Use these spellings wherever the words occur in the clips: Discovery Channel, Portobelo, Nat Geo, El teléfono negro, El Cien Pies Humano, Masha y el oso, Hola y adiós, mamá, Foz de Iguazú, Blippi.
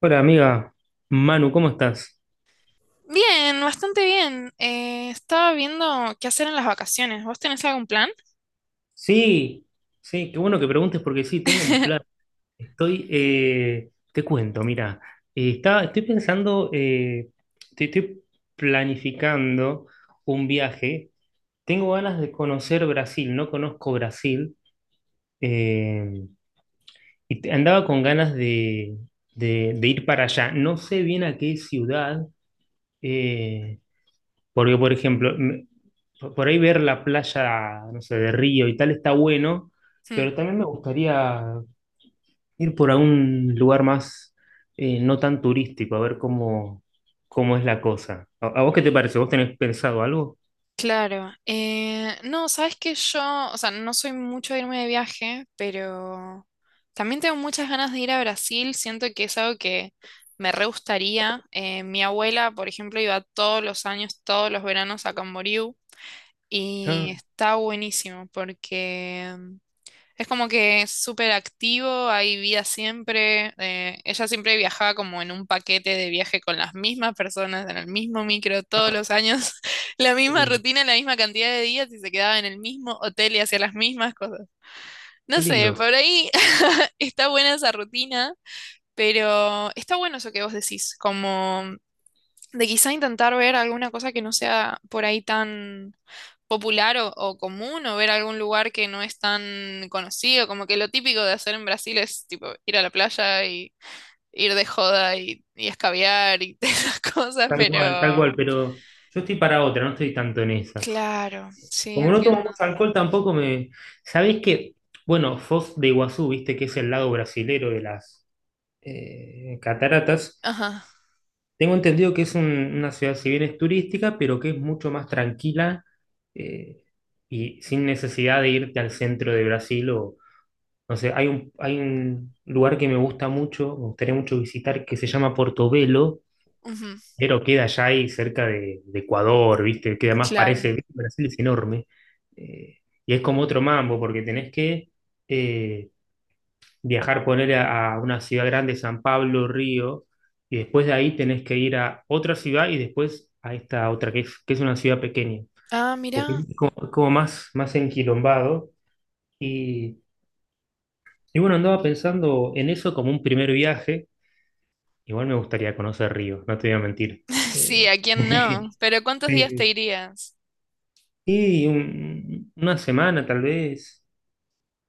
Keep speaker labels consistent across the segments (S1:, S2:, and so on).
S1: Hola amiga, Manu, ¿cómo estás?
S2: Bien, bastante bien. Estaba viendo qué hacer en las vacaciones. ¿Vos tenés algún plan?
S1: Sí, sí, qué bueno que preguntes porque sí, tengo un plan. Estoy, te cuento, mira, estoy pensando, estoy planificando un viaje. Tengo ganas de conocer Brasil, no conozco Brasil, eh, y andaba con ganas de ir para allá. No sé bien a qué ciudad, eh, Porque, por ejemplo, por ahí ver la playa, no sé, de Río y tal está bueno,
S2: Hmm.
S1: pero también me gustaría ir por algún lugar más no tan turístico, a ver cómo es la cosa. ¿A vos qué te parece? ¿Vos tenés pensado algo?
S2: Claro. No, sabes que yo, o sea, no soy mucho de irme de viaje, pero también tengo muchas ganas de ir a Brasil. Siento que es algo que me re gustaría. Mi abuela, por ejemplo, iba todos los años, todos los veranos a Camboriú
S1: Ah,
S2: y está buenísimo porque es como que es súper activo, hay vida siempre. Ella siempre viajaba como en un paquete de viaje con las mismas personas, en el mismo micro todos
S1: ah,
S2: los años, la
S1: qué
S2: misma
S1: lindo,
S2: rutina, la misma cantidad de días y se quedaba en el mismo hotel y hacía las mismas cosas.
S1: qué
S2: No sé,
S1: lindo.
S2: por ahí está buena esa rutina, pero está bueno eso que vos decís, como de quizá intentar ver alguna cosa que no sea por ahí tan popular o común, o ver algún lugar que no es tan conocido, como que lo típico de hacer en Brasil es tipo ir a la playa y ir de joda y escabiar y esas cosas,
S1: Tal cual,
S2: pero
S1: pero yo estoy para otra, no estoy tanto en esas.
S2: claro, sí,
S1: Como no tomo
S2: entiendo.
S1: mucho alcohol tampoco me... ¿Sabés qué? Bueno, Foz de Iguazú, viste que es el lado brasilero de las cataratas.
S2: Ajá,
S1: Tengo entendido que es una ciudad, si bien es turística, pero que es mucho más tranquila eh, y sin necesidad de irte al centro de Brasil o, no sé, hay un, lugar que me gusta mucho, me gustaría mucho visitar, que se llama Portobelo,
S2: ujú,
S1: pero queda allá ahí cerca de Ecuador, ¿viste? Que además
S2: claro.
S1: parece, Brasil es enorme. eh, y es como otro mambo, porque tenés que... eh, viajar, poner a una ciudad grande, San Pablo, Río, y después de ahí tenés que ir a otra ciudad y después a esta otra, que es, una ciudad pequeña,
S2: Ah,
S1: porque
S2: mira,
S1: es como más enquilombado. Y, y bueno, andaba pensando en eso como un primer viaje. Igual me gustaría conocer Río, no te voy a mentir.
S2: sí,
S1: Eh,
S2: ¿a quién no?
S1: sí,
S2: Pero ¿cuántos días te
S1: sí.
S2: irías?
S1: Y una semana tal vez.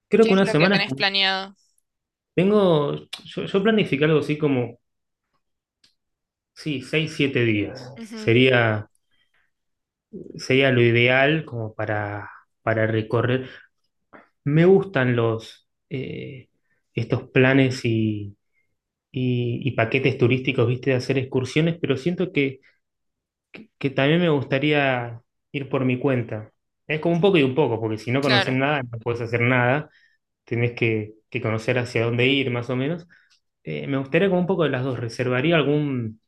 S1: Creo
S2: ¿Qué
S1: que
S2: es
S1: una
S2: lo que
S1: semana. Es
S2: tenés
S1: como-
S2: planeado?
S1: Tengo, yo planifiqué algo así como, sí, 6, 7 días.
S2: Ujú,
S1: Sería lo ideal como para recorrer. Me gustan los estos planes y paquetes turísticos, viste, de hacer excursiones, pero siento que también me gustaría ir por mi cuenta. Es como un poco y un poco, porque si no conoces
S2: claro,
S1: nada, no puedes hacer nada, tenés que conocer hacia dónde ir, más o menos. Me gustaría como un poco de las dos. Reservaría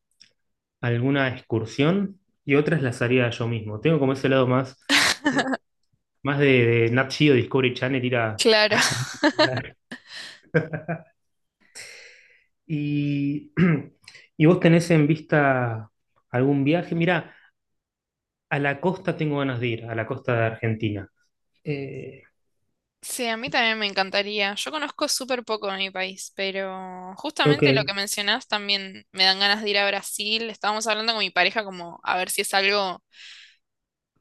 S1: alguna excursión y otras las haría yo mismo. Tengo como ese lado más eh, más de Nat Geo, Discovery Channel, ir a...
S2: claro.
S1: Y, y vos tenés en vista algún viaje. Mirá, a la costa tengo ganas de ir, a la costa de Argentina. Eh,
S2: Sí, a mí también me encantaría. Yo conozco súper poco de mi país, pero
S1: ok,
S2: justamente lo que mencionás también me dan ganas de ir a Brasil. Estábamos hablando con mi pareja como a ver si es algo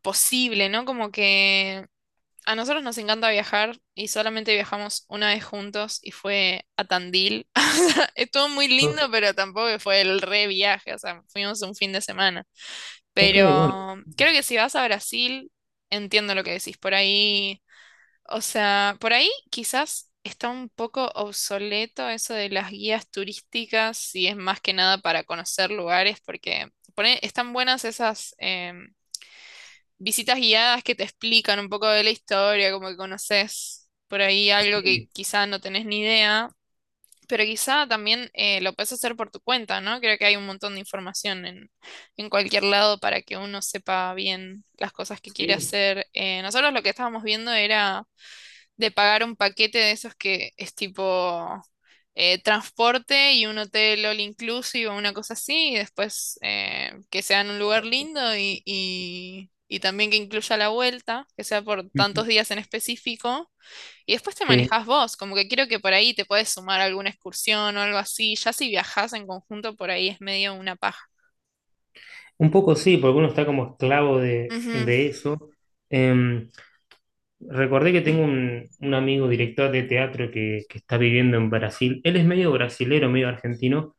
S2: posible, ¿no? Como que a nosotros nos encanta viajar y solamente viajamos una vez juntos y fue a Tandil. O sea, estuvo muy lindo,
S1: o-
S2: pero tampoco que fue el re viaje, o sea, fuimos un fin de semana.
S1: ok, bueno,
S2: Pero creo que si vas a Brasil, entiendo lo que decís por ahí. O sea, por ahí quizás está un poco obsoleto eso de las guías turísticas, si es más que nada para conocer lugares, porque están buenas esas visitas guiadas que te explican un poco de la historia, como que conoces por ahí algo que
S1: sí,
S2: quizás no tenés ni idea, pero quizá también lo puedes hacer por tu cuenta, ¿no? Creo que hay un montón de información en cualquier lado para que uno sepa bien las cosas que quiere
S1: sí.
S2: hacer. Nosotros lo que estábamos viendo era de pagar un paquete de esos que es tipo transporte y un hotel all inclusive o una cosa así, y después que sea en un lugar lindo y también que incluya la vuelta, que sea por tantos
S1: Ujú.
S2: días en específico, y después te
S1: Sí,
S2: manejás vos, como que quiero que por ahí te puedes sumar a alguna excursión o algo así, ya si viajás en conjunto por ahí es medio una paja.
S1: un poco sí, porque uno está como esclavo de,
S2: Ujú,
S1: de eso. Em, recordé que tengo un amigo director de teatro que está viviendo en Brasil. Él es medio brasilero, medio argentino,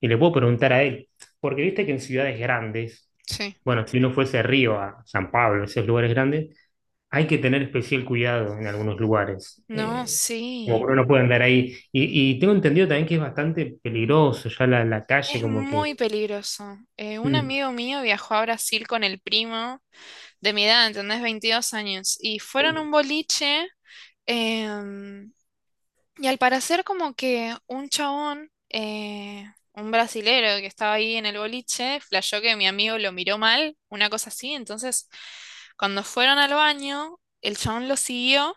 S1: y le puedo preguntar a él, porque viste que en ciudades grandes,
S2: sí.
S1: bueno, si uno fuese a Río, a San Pablo, esos lugares grandes, hay que tener especial cuidado en algunos lugares.
S2: No,
S1: Como
S2: sí.
S1: que uno puede andar ahí. Y tengo entendido también que es bastante peligroso ya la calle,
S2: Es
S1: como que.
S2: muy peligroso. Un
S1: Mm,
S2: amigo mío viajó a Brasil con el primo de mi edad, ¿entendés? 22 años. Y fueron a
S1: mm,
S2: un boliche em, y al parecer como que un chabón, un brasilero que estaba ahí en el boliche, flashó que mi amigo lo miró mal, una cosa así. Entonces, cuando fueron al baño, el chabón los siguió.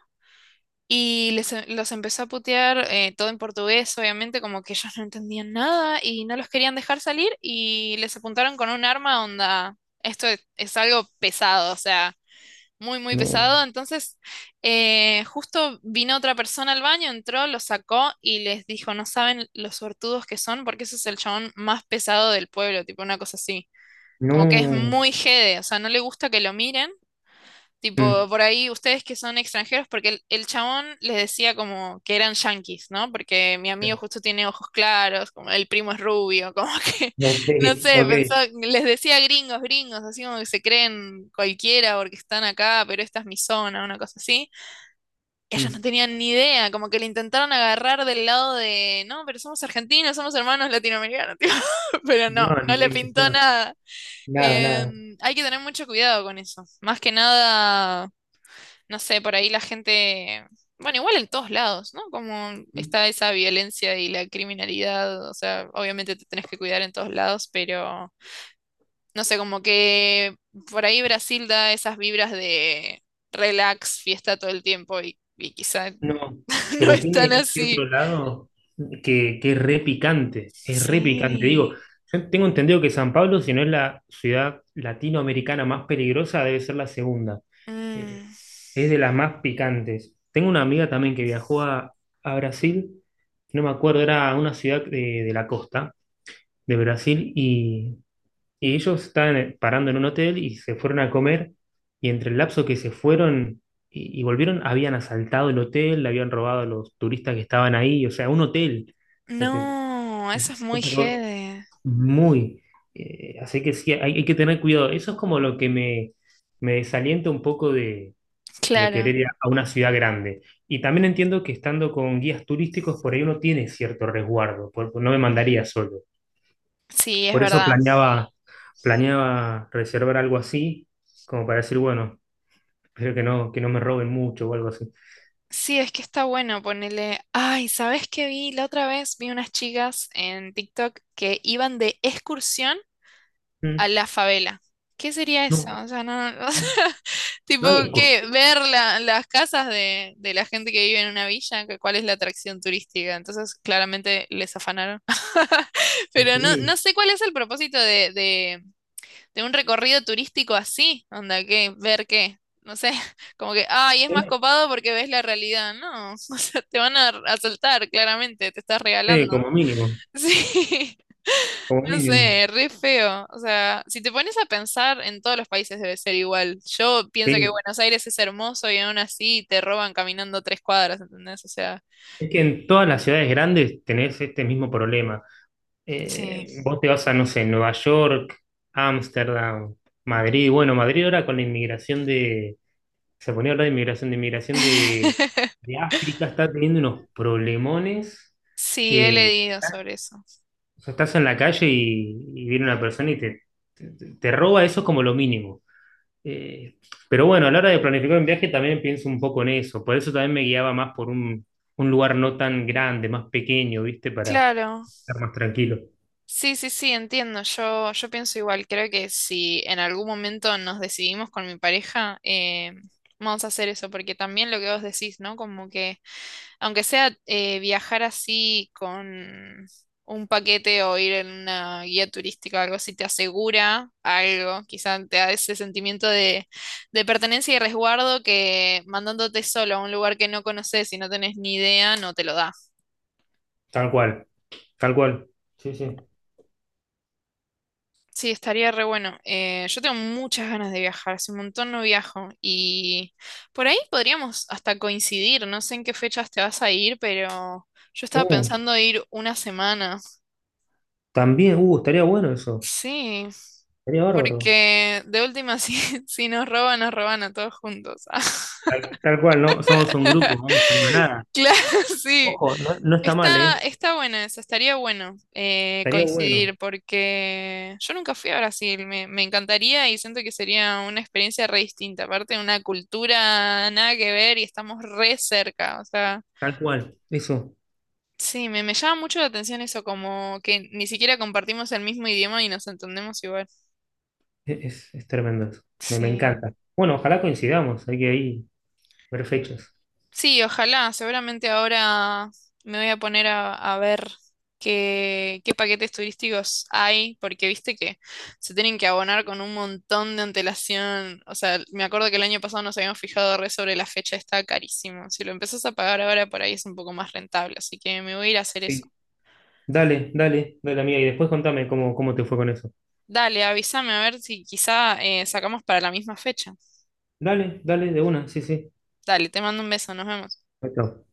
S2: Y los empezó a putear todo en portugués, obviamente, como que ellos no entendían nada y no los querían dejar salir y les apuntaron con un arma onda. Esto es algo pesado, o sea, muy, muy
S1: no,
S2: pesado. Entonces, justo vino otra persona al baño, entró, lo sacó y les dijo, no saben los sortudos que son, porque ese es el chabón más pesado del pueblo, tipo una cosa así. Como que es
S1: no.
S2: muy jede, o sea, no le gusta que lo miren.
S1: Mm,
S2: Tipo, por ahí ustedes que son extranjeros, porque el chabón les decía como que eran yanquis, ¿no? Porque mi amigo justo tiene ojos claros, como el primo es rubio, como que
S1: ok,
S2: no sé,
S1: ok.
S2: pensó, les decía gringos, gringos, así como que se creen cualquiera porque están acá, pero esta es mi zona, una cosa así. Ellos no
S1: Mm,
S2: tenían ni idea, como que le intentaron agarrar del lado de, no, pero somos argentinos, somos hermanos latinoamericanos, tipo, pero
S1: no,
S2: no, no le pintó
S1: no,
S2: nada.
S1: nada, nada.
S2: Hay que tener mucho cuidado con eso. Más que nada no sé, por ahí la gente, bueno, igual en todos lados, ¿no? Como
S1: Mm.
S2: está esa violencia y la criminalidad, o sea, obviamente te tenés que cuidar en todos lados, pero no sé, como que por ahí Brasil da esas vibras de relax, fiesta todo el tiempo y quizá
S1: No,
S2: no
S1: pero
S2: es
S1: tiene
S2: tan
S1: ese otro
S2: así.
S1: lado que es re picante, es re picante.
S2: Sí.
S1: Digo, yo tengo entendido que San Pablo, si no es la ciudad latinoamericana más peligrosa, debe ser la segunda. Eh,
S2: Mm.
S1: es de las más picantes. Tengo una amiga también que viajó a Brasil, no me acuerdo, era una ciudad de la costa de Brasil y ellos estaban parando en un hotel y se fueron a comer. Y entre el lapso que se fueron y volvieron, habían asaltado el hotel, le habían robado a los turistas que estaban ahí. O sea, un hotel. O sea,
S2: No, eso es muy
S1: cosa que vos-
S2: jede.
S1: muy. Así que sí, hay que tener cuidado. Eso es como lo que me desalienta un poco de querer
S2: Claro,
S1: ir a una ciudad grande. Y también entiendo que estando con guías turísticos, por ahí uno tiene cierto resguardo. No me mandaría solo.
S2: sí, es
S1: Por eso
S2: verdad.
S1: planeaba, reservar algo así, como para decir, bueno, espero que no me roben mucho o algo así.
S2: Sí, es que está bueno ponerle. Ay, ¿sabes qué vi? La otra vez vi unas chicas en TikTok que iban de excursión a
S1: Mm.
S2: la favela. ¿Qué sería eso?
S1: No,
S2: O sea, o sea, tipo,
S1: no hay
S2: ¿qué?
S1: excursión.
S2: Las casas de la gente que vive en una villa, que- ¿cuál es la atracción turística? Entonces, claramente les afanaron. Pero no,
S1: Sí,
S2: no sé cuál es el propósito de un recorrido turístico así, onda, que ver qué, no sé, como que, ay, es más copado porque ves la realidad, no, o sea, te van a asaltar, claramente, te estás
S1: sí,
S2: regalando.
S1: como mínimo,
S2: Sí,
S1: como
S2: no
S1: mínimo.
S2: sé, re feo, o sea, si te pones a pensar, en todos los países debe ser igual. Yo pienso que
S1: Sí.
S2: Buenos Aires es hermoso y aún así te roban caminando 3 cuadras, ¿entendés? O sea,
S1: Es que en todas las ciudades grandes tenés este mismo problema.
S2: sí.
S1: Vos te vas a, no sé, Nueva York, Ámsterdam, Madrid. Bueno, Madrid ahora con la inmigración de, se ponía a hablar de inmigración de, de África, está teniendo unos problemones.
S2: Sí, he
S1: Eh,
S2: leído sobre eso.
S1: o sea, estás en la calle y viene una persona y te, te roba eso es como lo mínimo. Eh, pero bueno, a la hora de planificar un viaje también pienso un poco en eso. Por eso también me guiaba más por un lugar no tan grande, más pequeño, ¿viste? Para
S2: Claro.
S1: estar más tranquilo.
S2: Sí, sí, sí, entiendo. Yo pienso igual. Creo que si en algún momento nos decidimos con mi pareja, vamos a hacer eso, porque también lo que vos decís, ¿no? Como que aunque sea viajar así con un paquete o ir en una guía turística o algo así, te asegura algo, quizá te da ese sentimiento de pertenencia y resguardo que mandándote solo a un lugar que no conoces y no tenés ni idea, no te lo da.
S1: Tal cual, tal cual. Sí, sí.
S2: Sí, estaría re bueno. Yo tengo muchas ganas de viajar, hace un montón no viajo y por ahí podríamos hasta coincidir, no sé en qué fechas te vas a ir, pero yo estaba
S1: Uh,
S2: pensando ir una semana.
S1: también, estaría bueno eso.
S2: Sí,
S1: Estaría bárbaro.
S2: porque de última si si nos roban, nos roban a todos juntos.
S1: Tal cual, ¿no? Somos un grupo, vamos en manada.
S2: Claro, sí.
S1: Ojo, no, no está mal,
S2: Está,
S1: ¿eh?
S2: está buena esa, estaría bueno
S1: Estaría bueno,
S2: coincidir porque yo nunca fui a Brasil, me encantaría y siento que sería una experiencia re distinta, aparte de una cultura nada que ver y estamos re cerca, o sea,
S1: tal cual. Eso
S2: sí, me llama mucho la atención eso, como que ni siquiera compartimos el mismo idioma y nos entendemos igual.
S1: es tremendo. Eso. Me
S2: Sí.
S1: encanta. Bueno, ojalá coincidamos. Hay que ahí ver fechas.
S2: Sí, ojalá. Seguramente ahora me voy a poner a ver qué, qué paquetes turísticos hay, porque viste que se tienen que abonar con un montón de antelación. O sea, me acuerdo que el año pasado nos habíamos fijado re sobre la fecha, está carísimo. Si lo empezás a pagar ahora por ahí es un poco más rentable, así que me voy a ir a hacer eso.
S1: Sí. Dale, dale, dale, amiga. Y después contame cómo te fue con eso.
S2: Dale, avísame a ver si quizá sacamos para la misma fecha.
S1: Dale, dale, de una. Sí, sí.
S2: Dale, te mando un beso, nos vemos.
S1: Perfecto.